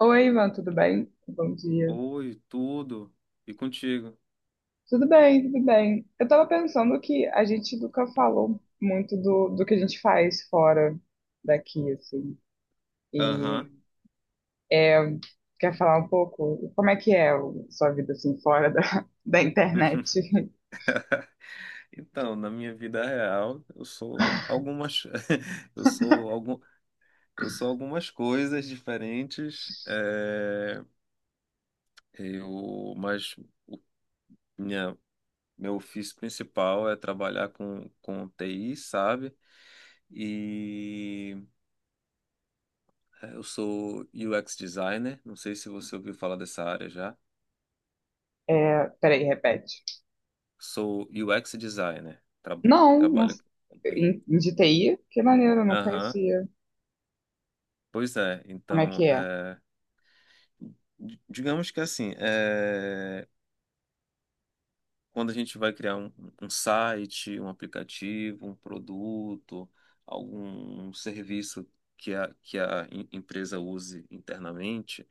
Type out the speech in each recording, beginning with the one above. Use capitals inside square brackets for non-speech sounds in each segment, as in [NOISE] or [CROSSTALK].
Oi, Ivan, tudo bem? Bom dia. Oi, tudo. E contigo? Tudo bem. Eu tava pensando que a gente nunca falou muito do que a gente faz fora daqui, assim. Aham. E é, quer falar um pouco como é que é a sua vida, assim, fora da, [LAUGHS] da internet? [LAUGHS] Então, na minha vida real, eu sou algumas [LAUGHS] eu sou algum eu sou algumas coisas diferentes, eu mas o- minha meu ofício principal é trabalhar com TI, sabe? E eu sou UX designer, não sei se você ouviu falar dessa área já. É, peraí, repete. Sou UX designer, que Não, não trabalha com TI. em de TI? Que maneiro, eu não Aham. conhecia. Pois é, Como é que então, é? Digamos que assim, quando a gente vai criar um site, um aplicativo, um produto, algum serviço que que a empresa use internamente,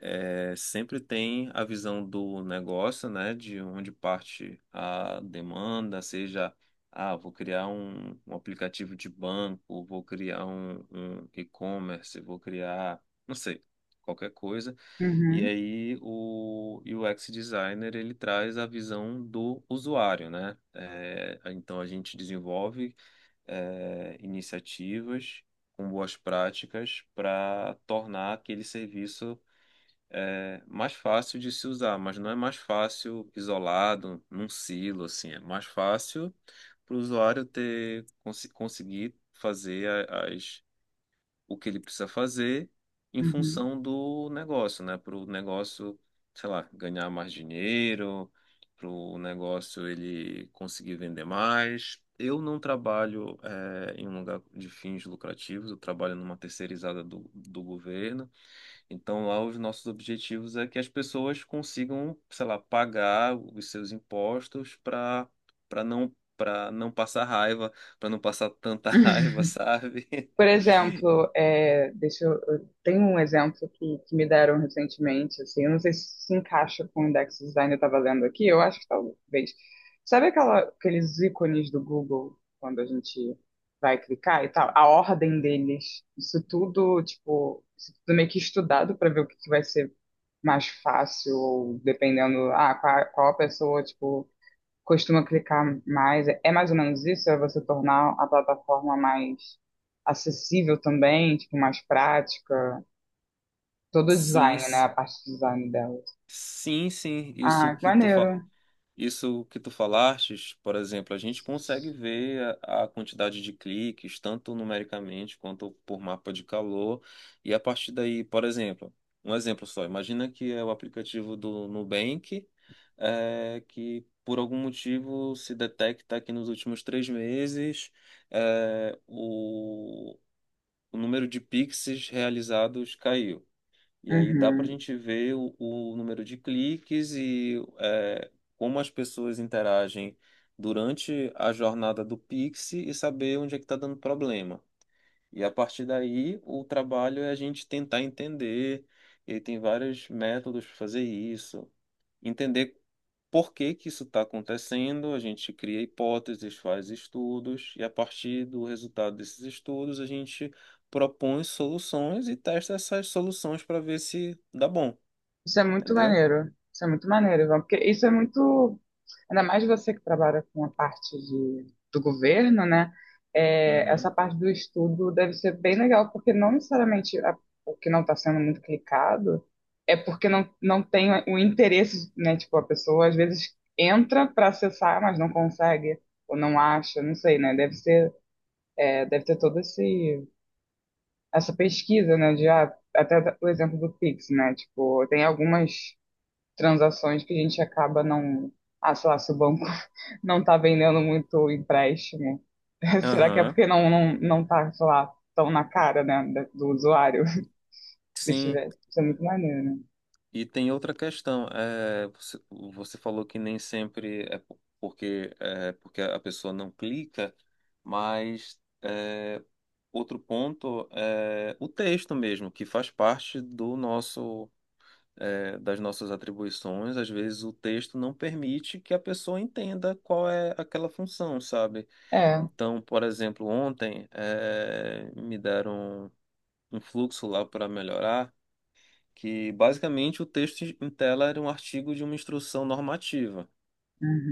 sempre tem a visão do negócio, né, de onde parte a demanda, seja, ah, vou criar um aplicativo de banco, vou criar um e-commerce, vou criar, não sei, qualquer coisa. E Uhum, aí o UX designer ele traz a visão do usuário, né? É, então a gente desenvolve iniciativas com boas práticas para tornar aquele serviço mais fácil de se usar, mas não é mais fácil isolado num silo, assim, é mais fácil para o usuário ter conseguir fazer a- as o que ele precisa fazer em uhum. função do negócio, né? Para o negócio, sei lá, ganhar mais dinheiro, para o negócio ele conseguir vender mais. Eu não trabalho em um lugar de fins lucrativos, eu trabalho numa terceirizada do governo. Então, lá os nossos objetivos é que as pessoas consigam, sei lá, pagar os seus impostos para para não passar raiva, para não passar tanta [LAUGHS] raiva, sabe? Por exemplo, é, deixa eu tenho um exemplo que me deram recentemente, assim, eu não sei se se encaixa com o index design que eu estava lendo aqui, eu acho que talvez. Sabe aquela, aqueles ícones do Google, quando a gente vai clicar e tal? A ordem deles, isso tudo, tipo, isso tudo meio que estudado para ver o que vai ser mais fácil, ou dependendo, ah, qual a pessoa, tipo, costuma clicar mais. É mais ou menos isso? É você tornar a plataforma mais acessível também, tipo, mais prática. Todo o Sim, design, né? A parte de design delas. sim, sim, Ah, que maneiro. isso que tu falastes, por exemplo, a gente consegue ver a quantidade de cliques, tanto numericamente quanto por mapa de calor, e a partir daí, por exemplo, um exemplo só, imagina que é o aplicativo do Nubank, é, que por algum motivo se detecta que nos últimos três meses é, o... o número de Pix realizados caiu. E aí dá para a Uhum. gente ver o número de cliques como as pessoas interagem durante a jornada do Pix e saber onde é que está dando problema. E a partir daí, o trabalho é a gente tentar entender, e tem vários métodos para fazer isso, entender por que que isso está acontecendo, a gente cria hipóteses, faz estudos, e a partir do resultado desses estudos, a gente propõe soluções e testa essas soluções para ver se dá bom, Isso é muito entendeu? maneiro. Isso é muito maneiro, Ivan, porque isso é muito. Ainda mais você que trabalha com a parte de, do governo, né? É, essa Uhum. parte do estudo deve ser bem legal, porque não necessariamente a- o que não está sendo muito clicado é porque não tem o interesse, né? Tipo, a pessoa às vezes entra para acessar, mas não consegue, ou não acha, não sei, né? Deve ser, é, deve ter todo esse, essa pesquisa, né? De, ah, até o exemplo do Pix, né? Tipo, tem algumas transações que a gente acaba não. Ah, sei lá, se o banco [LAUGHS] não tá vendendo muito empréstimo, [LAUGHS] será que é Aham. porque não tá, sei lá, tão na cara, né, da- do usuário? [LAUGHS] Se Sim, tiver, isso é muito maneiro, né? e tem outra questão. É, você, você falou que nem sempre é porque, é porque a pessoa não clica, mas é, outro ponto é o texto mesmo, que faz parte do nosso. É, das nossas atribuições, às vezes o texto não permite que a pessoa entenda qual é aquela função, sabe? É. Então, por exemplo, ontem me deram um fluxo lá para melhorar, que basicamente o texto em tela era um artigo de uma instrução normativa.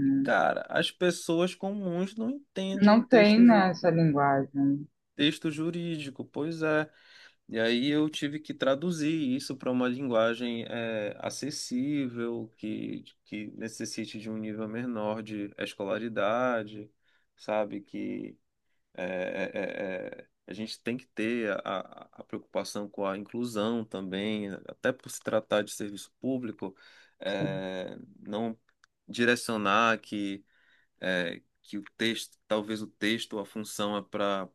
E, cara, as pessoas comuns não entendem Não tem, texto, né, essa linguagem. texto jurídico, pois é. E aí eu tive que traduzir isso para uma linguagem acessível, que necessite de um nível menor de escolaridade, sabe? Que a gente tem que ter a preocupação com a inclusão também, até por se tratar de serviço público, é, não direcionar que é, que o texto, talvez o texto ou a função é para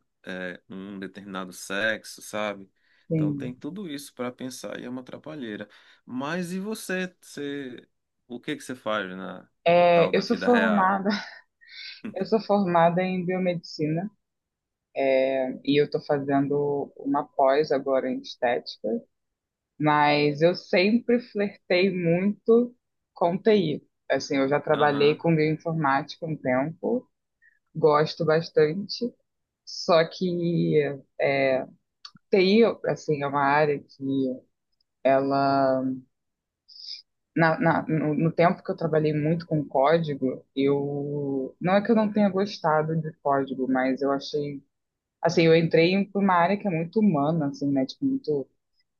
um determinado sexo, sabe? Então Sim. tem tudo isso para pensar e é uma atrapalheira. Mas e você, você, o que que você faz na tal É, eu da sou vida real? formada, [LAUGHS] eu [LAUGHS] sou formada em biomedicina e eu tô fazendo uma pós agora em estética. Mas eu sempre flertei muito com TI. Assim, eu já trabalhei Aham, com bioinformática um tempo, gosto bastante. Só que é, TI, assim, é uma área que ela... no tempo que eu trabalhei muito com código, eu... Não é que eu não tenha gostado de código, mas eu achei... Assim, eu entrei em uma área que é muito humana, assim, né? Tipo, muito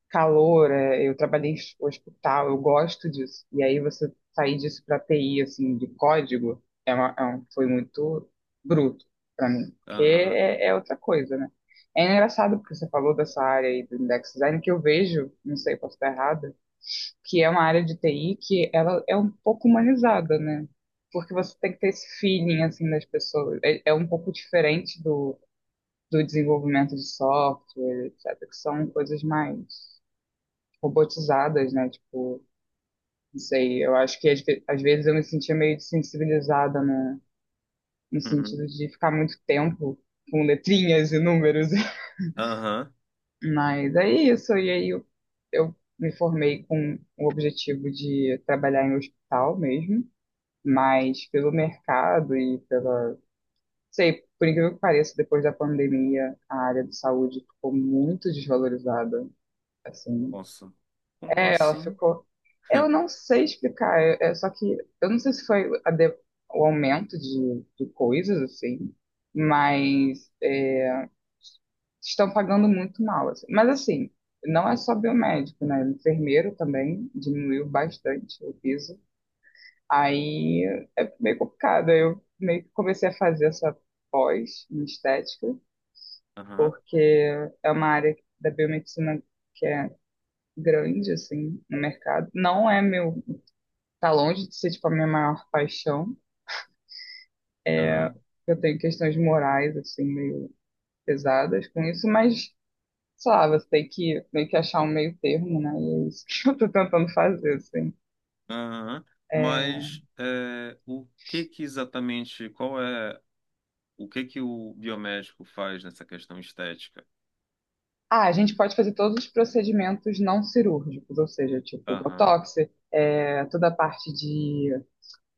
calor, é, eu trabalhei em hospital, eu gosto disso. E aí você sair disso para TI, assim, de código, é uma, é um- foi muito bruto para mim, porque aham, é, é outra coisa, né? É engraçado porque você falou dessa área aí do index design que eu vejo, não sei, posso estar errada, que é uma área de TI que ela é um pouco humanizada, né? Porque você tem que ter esse feeling, assim, das pessoas. É, é um pouco diferente do, do desenvolvimento de software, etc., que são coisas mais robotizadas, né? Tipo, não sei, eu acho que às vezes eu me sentia meio desensibilizada no, no uhum, sentido de ficar muito tempo com letrinhas e números. aham. [LAUGHS] Mas é isso, e aí eu me formei com o objetivo de trabalhar em hospital mesmo, mas pelo mercado e pela. Sei, por incrível que pareça, depois da pandemia, a área de saúde ficou muito desvalorizada. Assim, Nossa, como é, ela assim? ficou. Eu [LAUGHS] não sei explicar, é, só que eu não sei se foi a de- o aumento de coisas, assim, mas é, estão pagando muito mal, assim. Mas, assim, não é só biomédico, né? Enfermeiro também diminuiu bastante o piso. Aí é meio complicado. Eu meio que comecei a fazer essa pós em estética, Aham, porque é uma área da biomedicina que é grande, assim, no mercado. Não é meu. Tá longe de ser, tipo, a minha maior paixão. aham, Eu tenho questões morais, assim, meio pesadas com isso, mas, sei lá, você tem que meio que achar um meio termo, né? E é isso que [LAUGHS] eu tô tentando fazer, assim. aham. Mas é, o que que exatamente, qual é, o que que o biomédico faz nessa questão estética? Ah, a gente pode fazer todos os procedimentos não cirúrgicos, ou seja, tipo, Aham. botox, é, toda a parte de...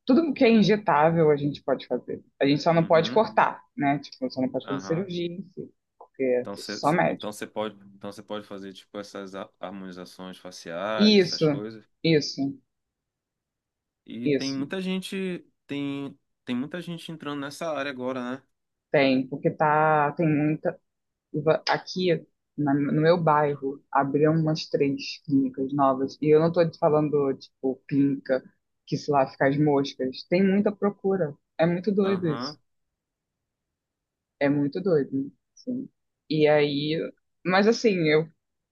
Tudo que é injetável a gente pode fazer. A gente só não pode Uhum. cortar, né? Tipo, só não pode fazer Aham. cirurgia em si, porque é Então você só médico. Então você pode fazer tipo essas harmonizações faciais, essas Isso, coisas. isso, E tem isso. muita gente, tem muita gente entrando nessa área agora, né? Tem, porque tá, tem muita. Aqui no meu bairro abriram umas três clínicas novas. E eu não tô te falando, tipo, clínica que, sei lá, fica as moscas. Tem muita procura. É muito doido isso. Aham. É muito doido, sim. E aí. Mas assim,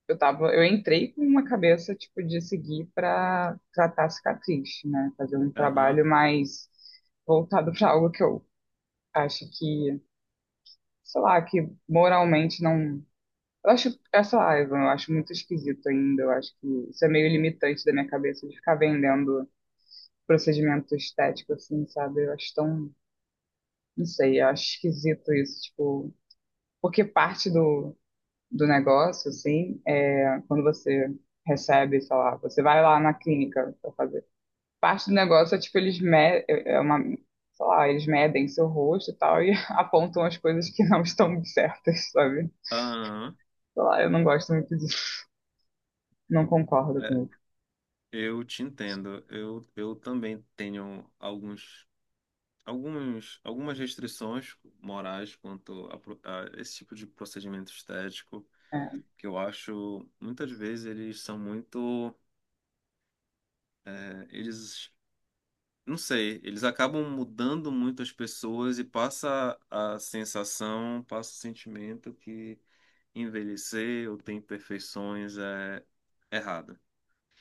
eu tava. Eu entrei com uma cabeça, tipo, de seguir pra tratar cicatriz, né? Fazer um Aham. trabalho mais voltado pra algo que eu acho que, sei lá, que moralmente não. Eu acho, essa live eu acho muito esquisito ainda. Eu acho que isso é meio limitante da minha cabeça de ficar vendendo procedimento estético, assim, sabe? Eu acho tão, não sei, eu acho esquisito isso, tipo, porque parte do negócio, assim, é quando você recebe, sei lá, você vai lá na clínica pra fazer. Parte do negócio é, tipo, eles me, é uma, sei lá, eles medem seu rosto e tal e [LAUGHS] apontam as coisas que não estão certas, sabe? Aham. Sei lá, eu não gosto muito disso. Não concordo É, com isso. eu te entendo. Eu também tenho alguns algumas restrições morais quanto a esse tipo de procedimento estético. É. Que eu acho muitas vezes eles são muito é, eles não sei, eles acabam mudando muito as pessoas e passa a sensação, passa o sentimento que envelhecer ou ter imperfeições é errado.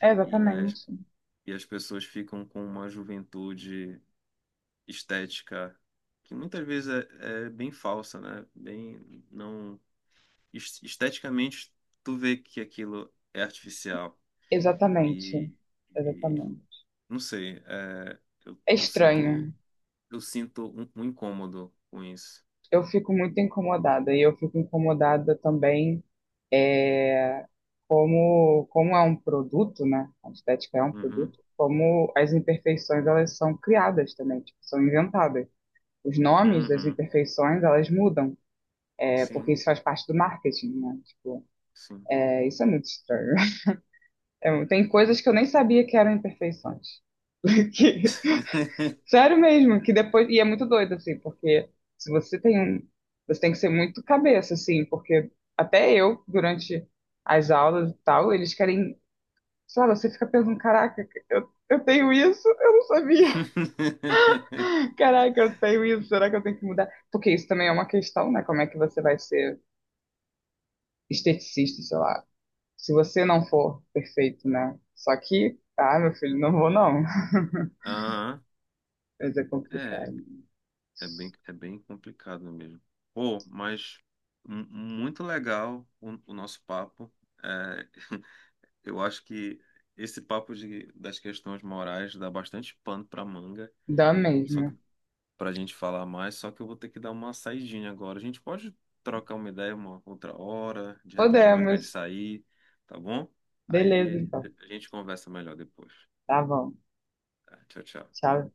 É, E as, exatamente. e as pessoas ficam com uma juventude estética que muitas vezes é bem falsa, né? Bem, não, esteticamente, tu vê que aquilo é artificial. Exatamente. E, e Exatamente. não sei, É eu estranho. sinto. Eu sinto um incômodo com isso. Eu fico muito incomodada e eu fico incomodada também é, como é um produto, né? A estética é um Uhum. produto, como as imperfeições elas são criadas também, tipo, são inventadas. Os nomes das Uhum. imperfeições elas mudam, é, porque Sim, isso faz parte do marketing, né? Tipo, sim. é, isso é muito estranho. [LAUGHS] É, tem coisas que eu nem sabia que eram imperfeições. [LAUGHS] Sério mesmo, que depois. E é muito doido, assim, porque se você tem um. Você tem que ser muito cabeça, assim, porque até eu, durante as aulas e tal, eles querem. Sei lá, você fica pensando, caraca, eu tenho isso, eu não sabia. [LAUGHS] [LAUGHS] Caraca, eu tenho isso, será que eu tenho que mudar? Porque isso também é uma questão, né? Como é que você vai ser esteticista, sei lá. Se você não for perfeito, né? Só que, ah, meu filho, não vou não. [LAUGHS] Aham. Mas é É, complicado. É bem complicado mesmo. Pô, mas muito legal o nosso papo. É, [LAUGHS] eu acho que esse papo das questões morais dá bastante pano para manga. Dá Só mesmo. pra gente falar mais, só que eu vou ter que dar uma saidinha agora. A gente pode trocar uma ideia uma outra hora, de repente marcar de Podemos. sair, tá bom? Beleza, Aí então. a gente conversa melhor depois. Tá bom. Tá? Tchau, tchau. Sabe?